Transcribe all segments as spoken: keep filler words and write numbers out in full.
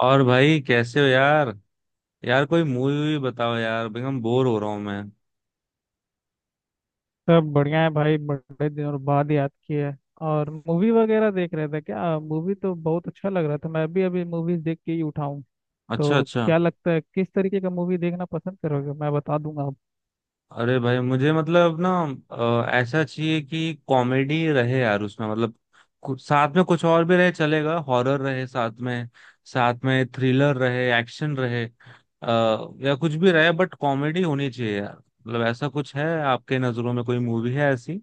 और भाई कैसे हो यार? यार कोई मूवी वूवी बताओ यार, भाई हम बोर हो रहा हूँ मैं। सब बढ़िया है भाई। बड़े दिनों बाद याद किया है। और मूवी वगैरह देख रहे थे क्या? मूवी तो बहुत अच्छा लग रहा था। मैं अभी अभी मूवीज देख के ही उठाऊं। अच्छा तो अच्छा। क्या लगता है किस तरीके का मूवी देखना पसंद करोगे? मैं बता दूंगा आप। अरे भाई मुझे मतलब ना, अ, ऐसा चाहिए कि कॉमेडी रहे यार, उसमें मतलब कुछ साथ में कुछ और भी रहे, चलेगा हॉरर रहे साथ में, साथ में थ्रिलर रहे, एक्शन रहे, अ, या कुछ भी रहे, बट कॉमेडी होनी चाहिए यार। मतलब ऐसा कुछ है आपके नजरों में, कोई मूवी है ऐसी?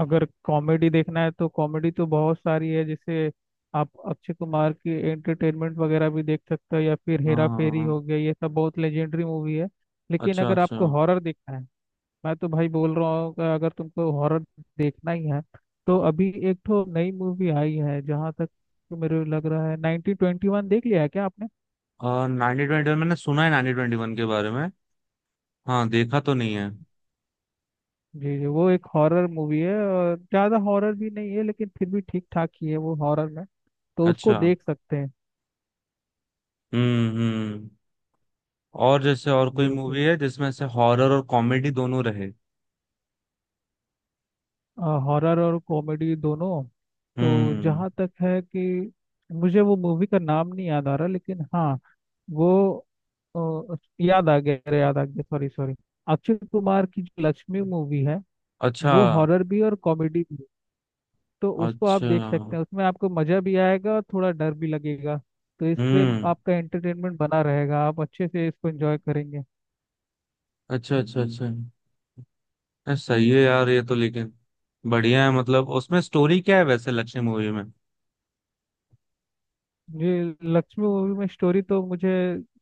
अगर कॉमेडी देखना है तो कॉमेडी तो बहुत सारी है। जैसे आप अक्षय कुमार की एंटरटेनमेंट वगैरह भी देख सकते हो, या फिर हाँ हेरा हाँ, फेरी हाँ। हो गया, ये सब बहुत लेजेंडरी मूवी है। लेकिन अच्छा अगर अच्छा। आपको हॉरर देखना है। मैं तो भाई बोल रहा हूँ कि अगर तुमको हॉरर देखना ही है तो अभी एक ठो नई मूवी आई है। जहाँ तक तो मेरे लग रहा है, नाइनटीन ट्वेंटी वन देख लिया है क्या आपने? और नाइनटीन ट्वेंटी वन, मैंने सुना है नाइनटीन ट्वेंटी वन के बारे में। हाँ, देखा तो नहीं है। जी जी, वो एक हॉरर मूवी है, और ज़्यादा हॉरर भी नहीं है लेकिन फिर भी ठीक ठाक ही है वो हॉरर में। तो उसको अच्छा। देख सकते हैं। हम्म हम्म। और जैसे और कोई बिल्कुल। मूवी है जिसमें से हॉरर और कॉमेडी दोनों रहे? हॉरर और कॉमेडी दोनों। तो हम्म। जहाँ तक है कि मुझे वो मूवी का नाम नहीं याद आ रहा, लेकिन हाँ वो ओ, याद आ गया। अरे याद आ गया, सॉरी सॉरी। अक्षय कुमार की जो लक्ष्मी मूवी है अच्छा। वो हॉरर भी और कॉमेडी भी है। तो उसको आप देख सकते अच्छा। हैं। उसमें आपको मजा भी आएगा और थोड़ा डर भी लगेगा। तो इससे हम्म। आपका एंटरटेनमेंट बना रहेगा, आप अच्छे से इसको एंजॉय करेंगे। अच्छा अच्छा अच्छा, ये सही है यार, ये तो। लेकिन बढ़िया है। मतलब उसमें स्टोरी क्या है वैसे लक्ष्य मूवी में? ये लक्ष्मी मूवी में स्टोरी तो मुझे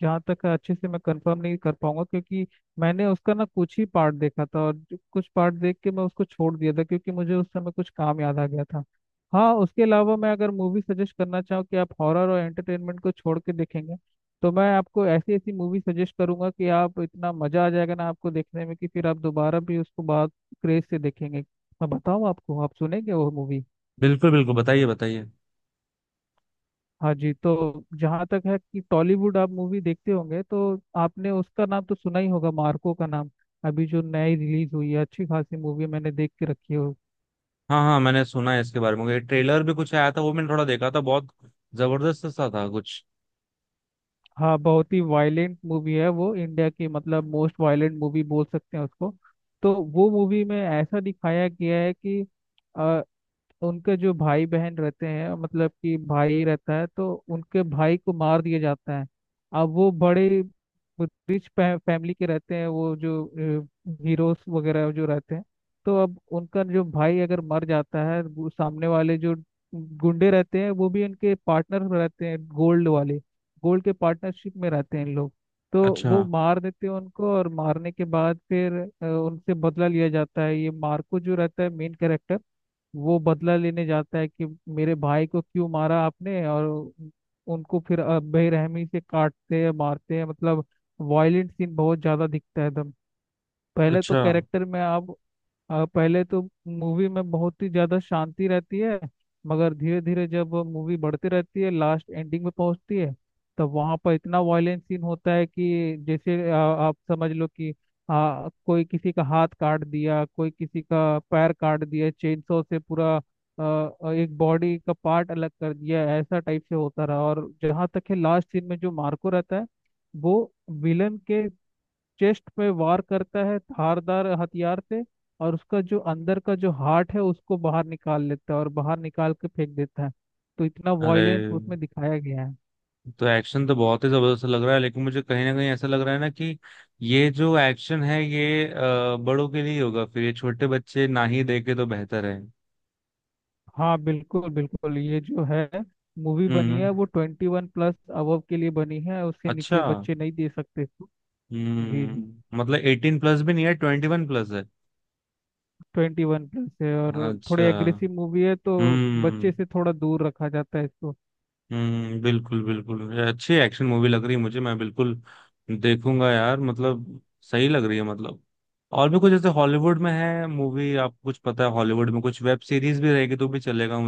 जहाँ तक है अच्छे से मैं कंफर्म नहीं कर पाऊंगा, क्योंकि मैंने उसका ना कुछ ही पार्ट देखा था। और जो- कुछ पार्ट देख के मैं उसको छोड़ दिया था, क्योंकि मुझे उस समय कुछ काम याद आ गया था। हाँ उसके अलावा मैं अगर मूवी सजेस्ट करना चाहूँ कि आप हॉरर और एंटरटेनमेंट को छोड़ के देखेंगे, तो मैं आपको ऐसी ऐसी मूवी सजेस्ट करूंगा कि आप इतना मजा आ जाएगा ना आपको देखने में कि फिर आप दोबारा भी उसको बहुत क्रेज से देखेंगे। मैं बताऊँ आपको, आप सुनेंगे वो मूवी? बिल्कुल बिल्कुल, बताइए बताइए। हाँ जी। तो जहाँ तक है कि टॉलीवुड आप मूवी देखते होंगे तो आपने उसका नाम तो सुना ही होगा, मार्को का नाम। अभी जो नई रिलीज हुई है, अच्छी खासी मूवी मैंने देख के रखी है। हाँ हाँ, मैंने सुना है इसके बारे में, ये ट्रेलर भी कुछ आया था, वो मैंने थोड़ा देखा था, बहुत जबरदस्त सा था कुछ। हाँ बहुत ही वायलेंट मूवी है वो, इंडिया की मतलब मोस्ट वायलेंट मूवी बोल सकते हैं उसको। तो वो मूवी में ऐसा दिखाया गया है कि उनके जो भाई बहन रहते हैं, मतलब कि भाई रहता है, तो उनके भाई को मार दिया जाता है। अब वो बड़े रिच फैमिली के रहते हैं, वो जो हीरोज वगैरह जो रहते हैं। तो अब उनका जो भाई अगर मर जाता है, वो सामने वाले जो गुंडे रहते हैं वो भी उनके पार्टनर रहते हैं, गोल्ड वाले। गोल्ड के पार्टनरशिप में रहते हैं इन लोग। तो अच्छा। वो मार देते हैं उनको, और मारने के बाद फिर अ, उनसे बदला लिया जाता है। ये मार्को जो रहता है मेन कैरेक्टर, वो बदला लेने जाता है कि मेरे भाई को क्यों मारा आपने। और उन- उनको फिर अ, बेरहमी से काटते हैं, मारते हैं, मतलब वायलेंट सीन बहुत ज्यादा दिखता है एकदम। पहले तो अच्छा। कैरेक्टर में आप अ, पहले तो मूवी में बहुत ही ज्यादा शांति रहती है। मगर धीरे धीरे जब मूवी बढ़ती रहती है, लास्ट एंडिंग में पहुंचती है, तब वहां पर इतना वायलेंट सीन होता है कि जैसे अ, आप समझ लो कि अ, कोई किसी का हाथ काट दिया, कोई किसी का पैर काट दिया, चेनसो से पूरा अ, अ, एक बॉडी का पार्ट अलग कर दिया। ऐसा टाइप से होता रहा। और जहाँ तक है लास्ट सीन में जो मार्को रहता है वो विलन के चेस्ट पे वार करता है धारदार हथियार से, और उसका जो अंदर का जो हार्ट है उसको बाहर निकाल लेता है और बाहर निकाल के फेंक देता है। तो इतना वायलेंस अरे! उसमें दिखाया गया है। तो एक्शन तो बहुत ही जबरदस्त लग रहा है, लेकिन मुझे कहीं ना कहीं ऐसा लग रहा है ना कि ये जो एक्शन है, ये अ, बड़ों के लिए होगा, फिर ये छोटे बच्चे ना ही देखे तो बेहतर है। हाँ बिल्कुल बिल्कुल। ये जो है मूवी बनी हम्म। है वो ट्वेंटी वन प्लस अबव के लिए बनी है, उससे अच्छा। नीचे बच्चे नहीं दे सकते इसको। जी जी। हम्म, मतलब एटीन प्लस भी नहीं है, ट्वेंटी वन प्लस है? ट्वेंटी वन प्लस है, और थोड़ी अच्छा। एग्रेसिव मूवी है तो हम्म। बच्चे से थोड़ा दूर रखा जाता है इसको। हम्म, बिल्कुल बिल्कुल, ये अच्छी एक्शन मूवी लग रही है मुझे, मैं बिल्कुल देखूंगा यार। मतलब सही लग रही है मतलब। और भी कुछ जैसे हॉलीवुड में है मूवी, आपको कुछ पता है? हॉलीवुड में कुछ वेब सीरीज भी रहेगी तो भी चलेगा,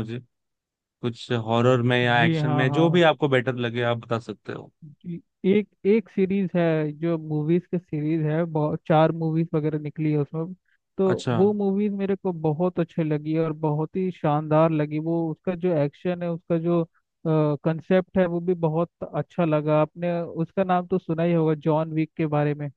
कुछ हॉरर में या जी एक्शन हाँ में, जो भी हाँ। आपको बेटर लगे आप बता सकते हो। जी, एक एक सीरीज है जो मूवीज के सीरीज है, बहुत चार मूवीज वगैरह निकली है उसमें। तो अच्छा वो मूवीज मेरे को बहुत अच्छी लगी और बहुत ही शानदार लगी। वो उसका जो एक्शन है, उसका जो कंसेप्ट है वो भी बहुत अच्छा लगा। आपने उसका नाम तो सुना ही होगा, जॉन विक के बारे में।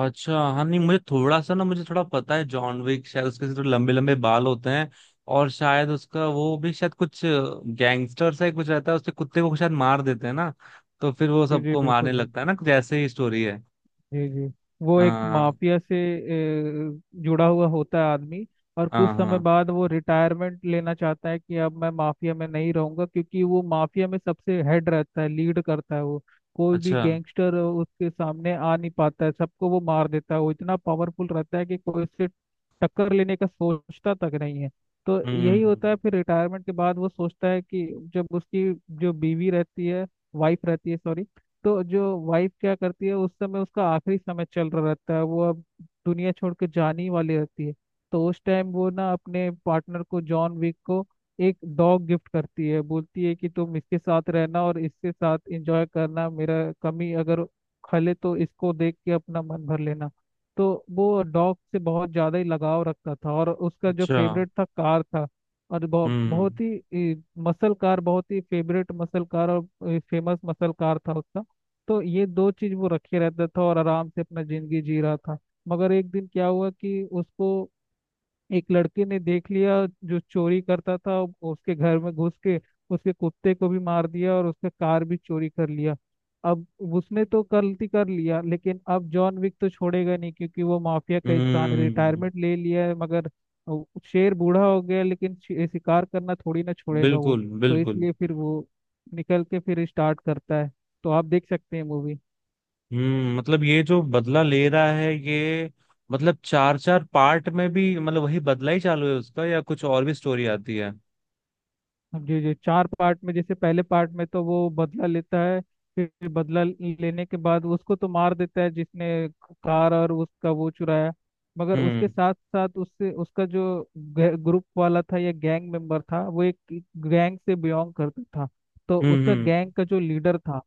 अच्छा। हाँ, नहीं मुझे थोड़ा सा ना, मुझे थोड़ा पता है जॉन विक, शायद उसके थोड़े लंबे लंबे बाल होते हैं, और शायद उसका वो भी शायद कुछ गैंगस्टर सा ही कुछ रहता है, उसके कुत्ते को शायद मार देते हैं ना, तो फिर वो जी जी, सबको बिल्कुल मारने लगता है बिल्कुल। ना, कुछ ऐसे ही स्टोरी है। जी जी। वो एक हाँ माफिया से अ, जुड़ा हुआ होता है आदमी। और कुछ हाँ। समय हाँ। बाद वो रिटायरमेंट लेना चाहता है कि अब मैं माफिया में नहीं रहूंगा। क्योंकि वो माफिया में सबसे हेड रहता है, लीड करता है वो। कोई भी अच्छा। गैंगस्टर उसके सामने आ नहीं पाता है, सबको वो मार देता है। वो इतना पावरफुल रहता है कि कोई उससे टक्कर लेने का सोचता तक नहीं है। तो यही हम्म। होता है फिर रिटायरमेंट के बाद वो सोचता है कि जब उसकी जो बीवी रहती है, वाइफ रहती है सॉरी, तो जो वाइफ क्या करती है उस समय उसका आखिरी समय चल रहा रहता है, वो अब दुनिया छोड़ के जाने ही वाली रहती है। तो उस टाइम वो ना अपने पार्टनर को, जॉन विक को, एक डॉग गिफ्ट करती है। बोलती है कि तुम इसके साथ रहना और इसके साथ एंजॉय करना, मेरा कमी अगर खले तो इसको देख के अपना मन भर लेना। तो वो डॉग से बहुत ज़्यादा ही लगाव रखता था और उसका जो अच्छा। फेवरेट था कार था। और बहुत हम्म बहुत ही मसल कार, बहुत ही फेवरेट मसल कार और फेमस मसल कार था उसका। तो ये दो चीज वो रखे रहता था और आराम से अपना जिंदगी जी रहा था। मगर एक दिन क्या हुआ कि उसको एक लड़के ने देख लिया जो चोरी करता था। उसके घर में घुस के उसके कुत्ते को भी मार दिया और उसका कार भी चोरी कर लिया। अब उसने तो गलती कर लिया, लेकिन अब जॉन विक तो छोड़ेगा नहीं, क्योंकि वो माफिया का इंसान है, हम्म। रिटायरमेंट ले लिया है मगर वो शेर बूढ़ा हो गया लेकिन शि- शिकार करना थोड़ी ना छोड़ेगा वो। बिल्कुल तो बिल्कुल। इसलिए फिर वो निकल के फिर स्टार्ट करता है। तो आप देख सकते हैं मूवी। हम्म, मतलब ये जो बदला ले रहा है ये, मतलब चार चार पार्ट में भी मतलब वही बदला ही चालू है उसका या कुछ और भी स्टोरी आती है? जी जी। चार पार्ट में, जैसे पहले पार्ट में तो वो बदला लेता है। फिर बदला लेने के बाद उसको तो मार देता है जिसने कार और उसका वो चुराया। मगर उसके हम्म। साथ साथ उससे उसका जो ग्रुप वाला था या गैंग मेंबर था, वो एक गैंग से बिलोंग करता था। तो हम्म। उसका हम्म। गैंग का जो लीडर था,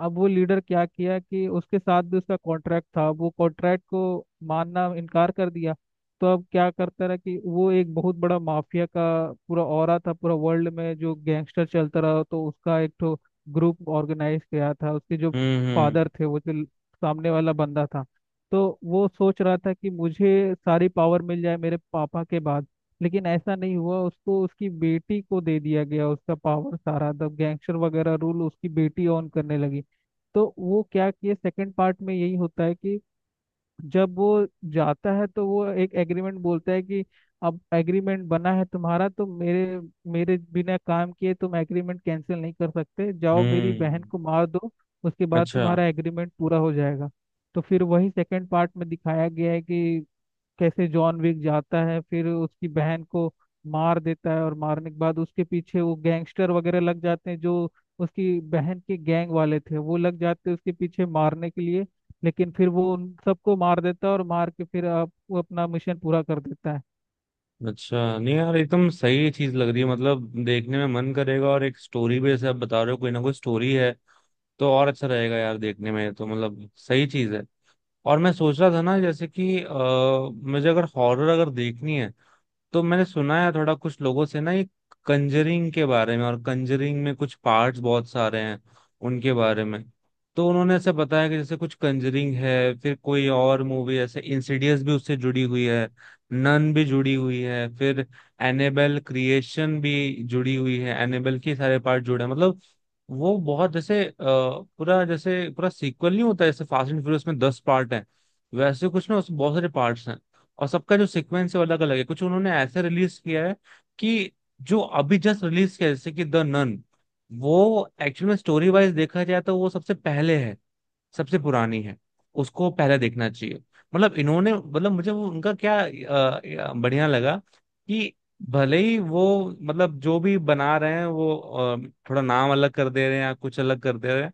अब वो लीडर क्या किया कि उसके साथ भी उसका कॉन्ट्रैक्ट था, वो कॉन्ट्रैक्ट को मानना इनकार कर दिया। तो अब क्या करता रहा कि वो एक बहुत बड़ा माफिया का पूरा ऑरा था, पूरा वर्ल्ड में जो गैंगस्टर चलता रहा, तो उसका एक तो ग्रुप ऑर्गेनाइज किया था उसके जो हम्म। फादर थे, वो जो सामने वाला बंदा था। तो वो सोच रहा था कि मुझे सारी पावर मिल जाए मेरे पापा के बाद। लेकिन ऐसा नहीं हुआ, उसको उसकी बेटी को दे दिया गया, उसका पावर सारा, द गैंगस्टर वगैरह रूल उसकी बेटी ऑन करने लगी। तो वो क्या किए सेकंड पार्ट में यही होता है कि जब वो जाता है तो वो एक एग्रीमेंट बोलता है कि अब एग्रीमेंट बना है तुम्हारा, तो मेरे मेरे बिना काम किए तुम एग्रीमेंट कैंसिल नहीं कर सकते। जाओ मेरी बहन हम्म। को मार दो, उसके बाद अच्छा। तुम्हारा एग्रीमेंट पूरा हो जाएगा। तो फिर वही सेकंड पार्ट में दिखाया गया है कि कैसे जॉन विक जाता है फिर उसकी बहन को मार देता है। और मारने के बाद उसके पीछे वो गैंगस्टर वगैरह लग जाते हैं जो उसकी बहन के गैंग वाले थे, वो लग जाते हैं उसके पीछे मारने के लिए। लेकिन फिर वो उन सबको मार देता है और मार के फिर आप वो अपना मिशन पूरा कर देता है। अच्छा, नहीं यार एकदम सही चीज लग रही है, मतलब देखने में मन करेगा, और एक स्टोरी भी जैसे आप बता रहे हो कोई ना कोई स्टोरी है तो और अच्छा रहेगा यार देखने में तो, मतलब सही चीज है। और मैं सोच रहा था ना जैसे कि आ, मुझे अगर हॉरर अगर देखनी है, तो मैंने सुना है थोड़ा कुछ लोगों से ना, ये कंजरिंग के बारे में, और कंजरिंग में कुछ पार्ट्स बहुत सारे हैं उनके बारे में। तो उन्होंने ऐसे बताया कि जैसे कुछ कंजरिंग है, फिर कोई और मूवी ऐसे इंसिडियस भी उससे जुड़ी हुई है, नन भी जुड़ी हुई है, फिर एनेबल क्रिएशन भी जुड़ी हुई है, एनेबल के सारे पार्ट जुड़े हैं मतलब। वो बहुत जैसे अ, पूरा जैसे पूरा सीक्वल नहीं होता जैसे फास्ट एंड फ्यूरियस में दस पार्ट हैं, वैसे कुछ ना, उसमें बहुत सारे पार्ट्स हैं, और सबका जो सीक्वेंस है वो अलग अलग है। कुछ उन्होंने ऐसे रिलीज किया है कि जो अभी जस्ट रिलीज किया है, जैसे कि द नन, वो एक्चुअल में स्टोरी वाइज देखा जाए तो वो सबसे पहले है, सबसे पुरानी है, उसको पहले देखना चाहिए। मतलब इन्होंने, मतलब मुझे वो उनका क्या, अ, अ, बढ़िया लगा कि भले ही वो, मतलब जो भी बना रहे हैं वो, अ, थोड़ा नाम अलग कर दे रहे हैं या कुछ अलग कर दे रहे हैं,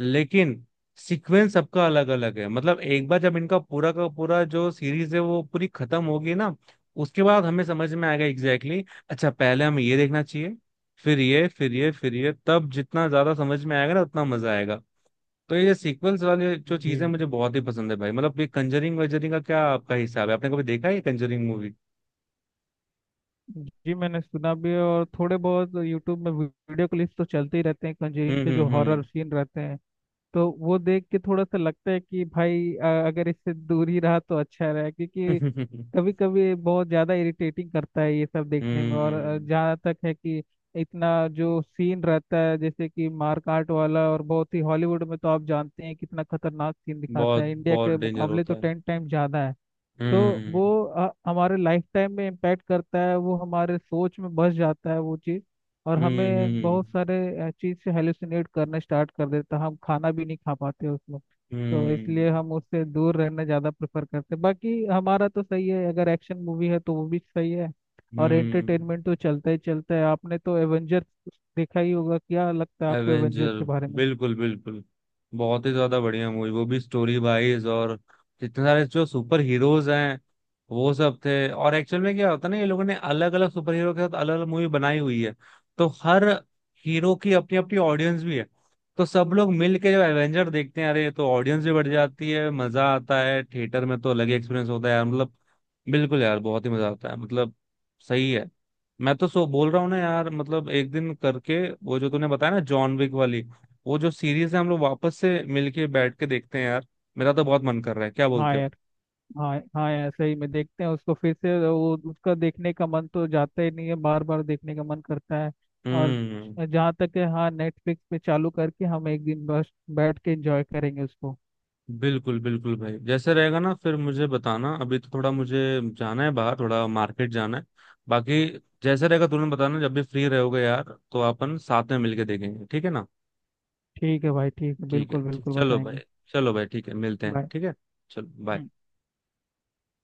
लेकिन सीक्वेंस सबका अलग अलग है। मतलब एक बार जब इनका पूरा का पूरा जो सीरीज है वो पूरी खत्म होगी ना, उसके बाद हमें समझ में आएगा एग्जैक्टली exactly, अच्छा पहले हमें ये देखना चाहिए, फिर ये, फिर ये, फिर ये, तब जितना ज्यादा समझ में आएगा ना उतना मजा आएगा। तो ये सीक्वेंस वाली जो जी चीजें मुझे बहुत ही पसंद है भाई। मतलब ये कंजरिंग वंजरिंग का क्या आपका हिसाब है, आपने कभी देखा है ये कंजरिंग मूवी? जी। जी, मैंने सुना भी है। और थोड़े बहुत यूट्यूब में वीडियो क्लिप्स तो चलते ही रहते हैं कंजरिंग हम्म के जो हम्म। हॉरर सीन रहते हैं। तो वो देख के थोड़ा सा लगता है कि भाई अ, अगर इससे दूर ही रहा तो अच्छा रहा, क्योंकि हम्म कभी कभी बहुत ज्यादा इरिटेटिंग करता है ये सब देखने में। और अ, हम्म। जहाँ तक है कि इतना जो सीन रहता है जैसे कि मारकाट वाला, और बहुत ही हॉलीवुड में तो आप जानते हैं कितना खतरनाक सीन दिखाता बहुत है, इंडिया बहुत के डेंजर मुकाबले होता तो है। टेन टाइम ज्यादा है। तो वो हम्म। अ, हमारे लाइफ टाइम में इम्पैक्ट करता है, वो हमारे सोच में बस जाता है वो चीज़। और हम्म हमें हम्म। बहुत सारे चीज़ से हेलुसिनेट करने स्टार्ट कर देता है, हम खाना भी नहीं खा पाते उसमें। तो इसलिए हम्म। हम उससे दूर रहना ज़्यादा प्रेफर करते हैं। बाकी हमारा तो सही है, अगर एक्शन मूवी है तो वो भी सही है। और हम्म। एंटरटेनमेंट तो चलता ही चलता है। आपने तो एवेंजर्स देखा ही होगा, क्या लगता है आपको एवेंजर्स एवेंजर? के बारे में? बिल्कुल बिल्कुल, बहुत ही ज्यादा बढ़िया मूवी वो भी, स्टोरी वाइज। और जितने सारे जो सुपर हीरोज हैं वो सब थे, और एक्चुअल में क्या होता है ना, ये लोगों ने अलग अलग सुपर हीरो के साथ अलग अलग मूवी बनाई हुई है, तो हर हीरो की अपनी अपनी ऑडियंस भी है। तो सब लोग मिल के जब एवेंजर देखते हैं, अरे तो ऑडियंस भी बढ़ जाती है, मजा आता है, थिएटर में तो अलग ही एक्सपीरियंस होता है यार मतलब। बिल्कुल यार, बहुत ही मजा आता है मतलब, सही है। मैं तो सो बोल रहा हूँ ना यार, मतलब एक दिन करके वो जो तूने बताया ना जॉन विक वाली, वो जो सीरीज है हम लोग वापस से मिलके बैठ के देखते हैं यार, मेरा तो बहुत मन कर रहा है, क्या हाँ बोलते हो? यार। हाँ हाँ, ऐसे ही में देखते हैं उसको फिर से। वो उसका देखने का मन तो जाता ही नहीं है, बार बार देखने का मन करता है। और हम्म। जहाँ तक है हाँ, नेटफ्लिक्स पे चालू करके हम एक दिन बस बैठ के एंजॉय करेंगे उसको। बिल्कुल बिल्कुल भाई, जैसे रहेगा ना फिर मुझे बताना, अभी तो थोड़ा मुझे जाना है बाहर, थोड़ा मार्केट जाना है। बाकी जैसे रहेगा तुरंत बताना, जब भी फ्री रहोगे यार तो अपन साथ में मिलके देखेंगे, ठीक है ना? ठीक है भाई, ठीक है, ठीक बिल्कुल है। बिल्कुल चलो बताएंगे। भाई। चलो भाई, ठीक है, मिलते हैं, बाय। ठीक है। चलो, बाय।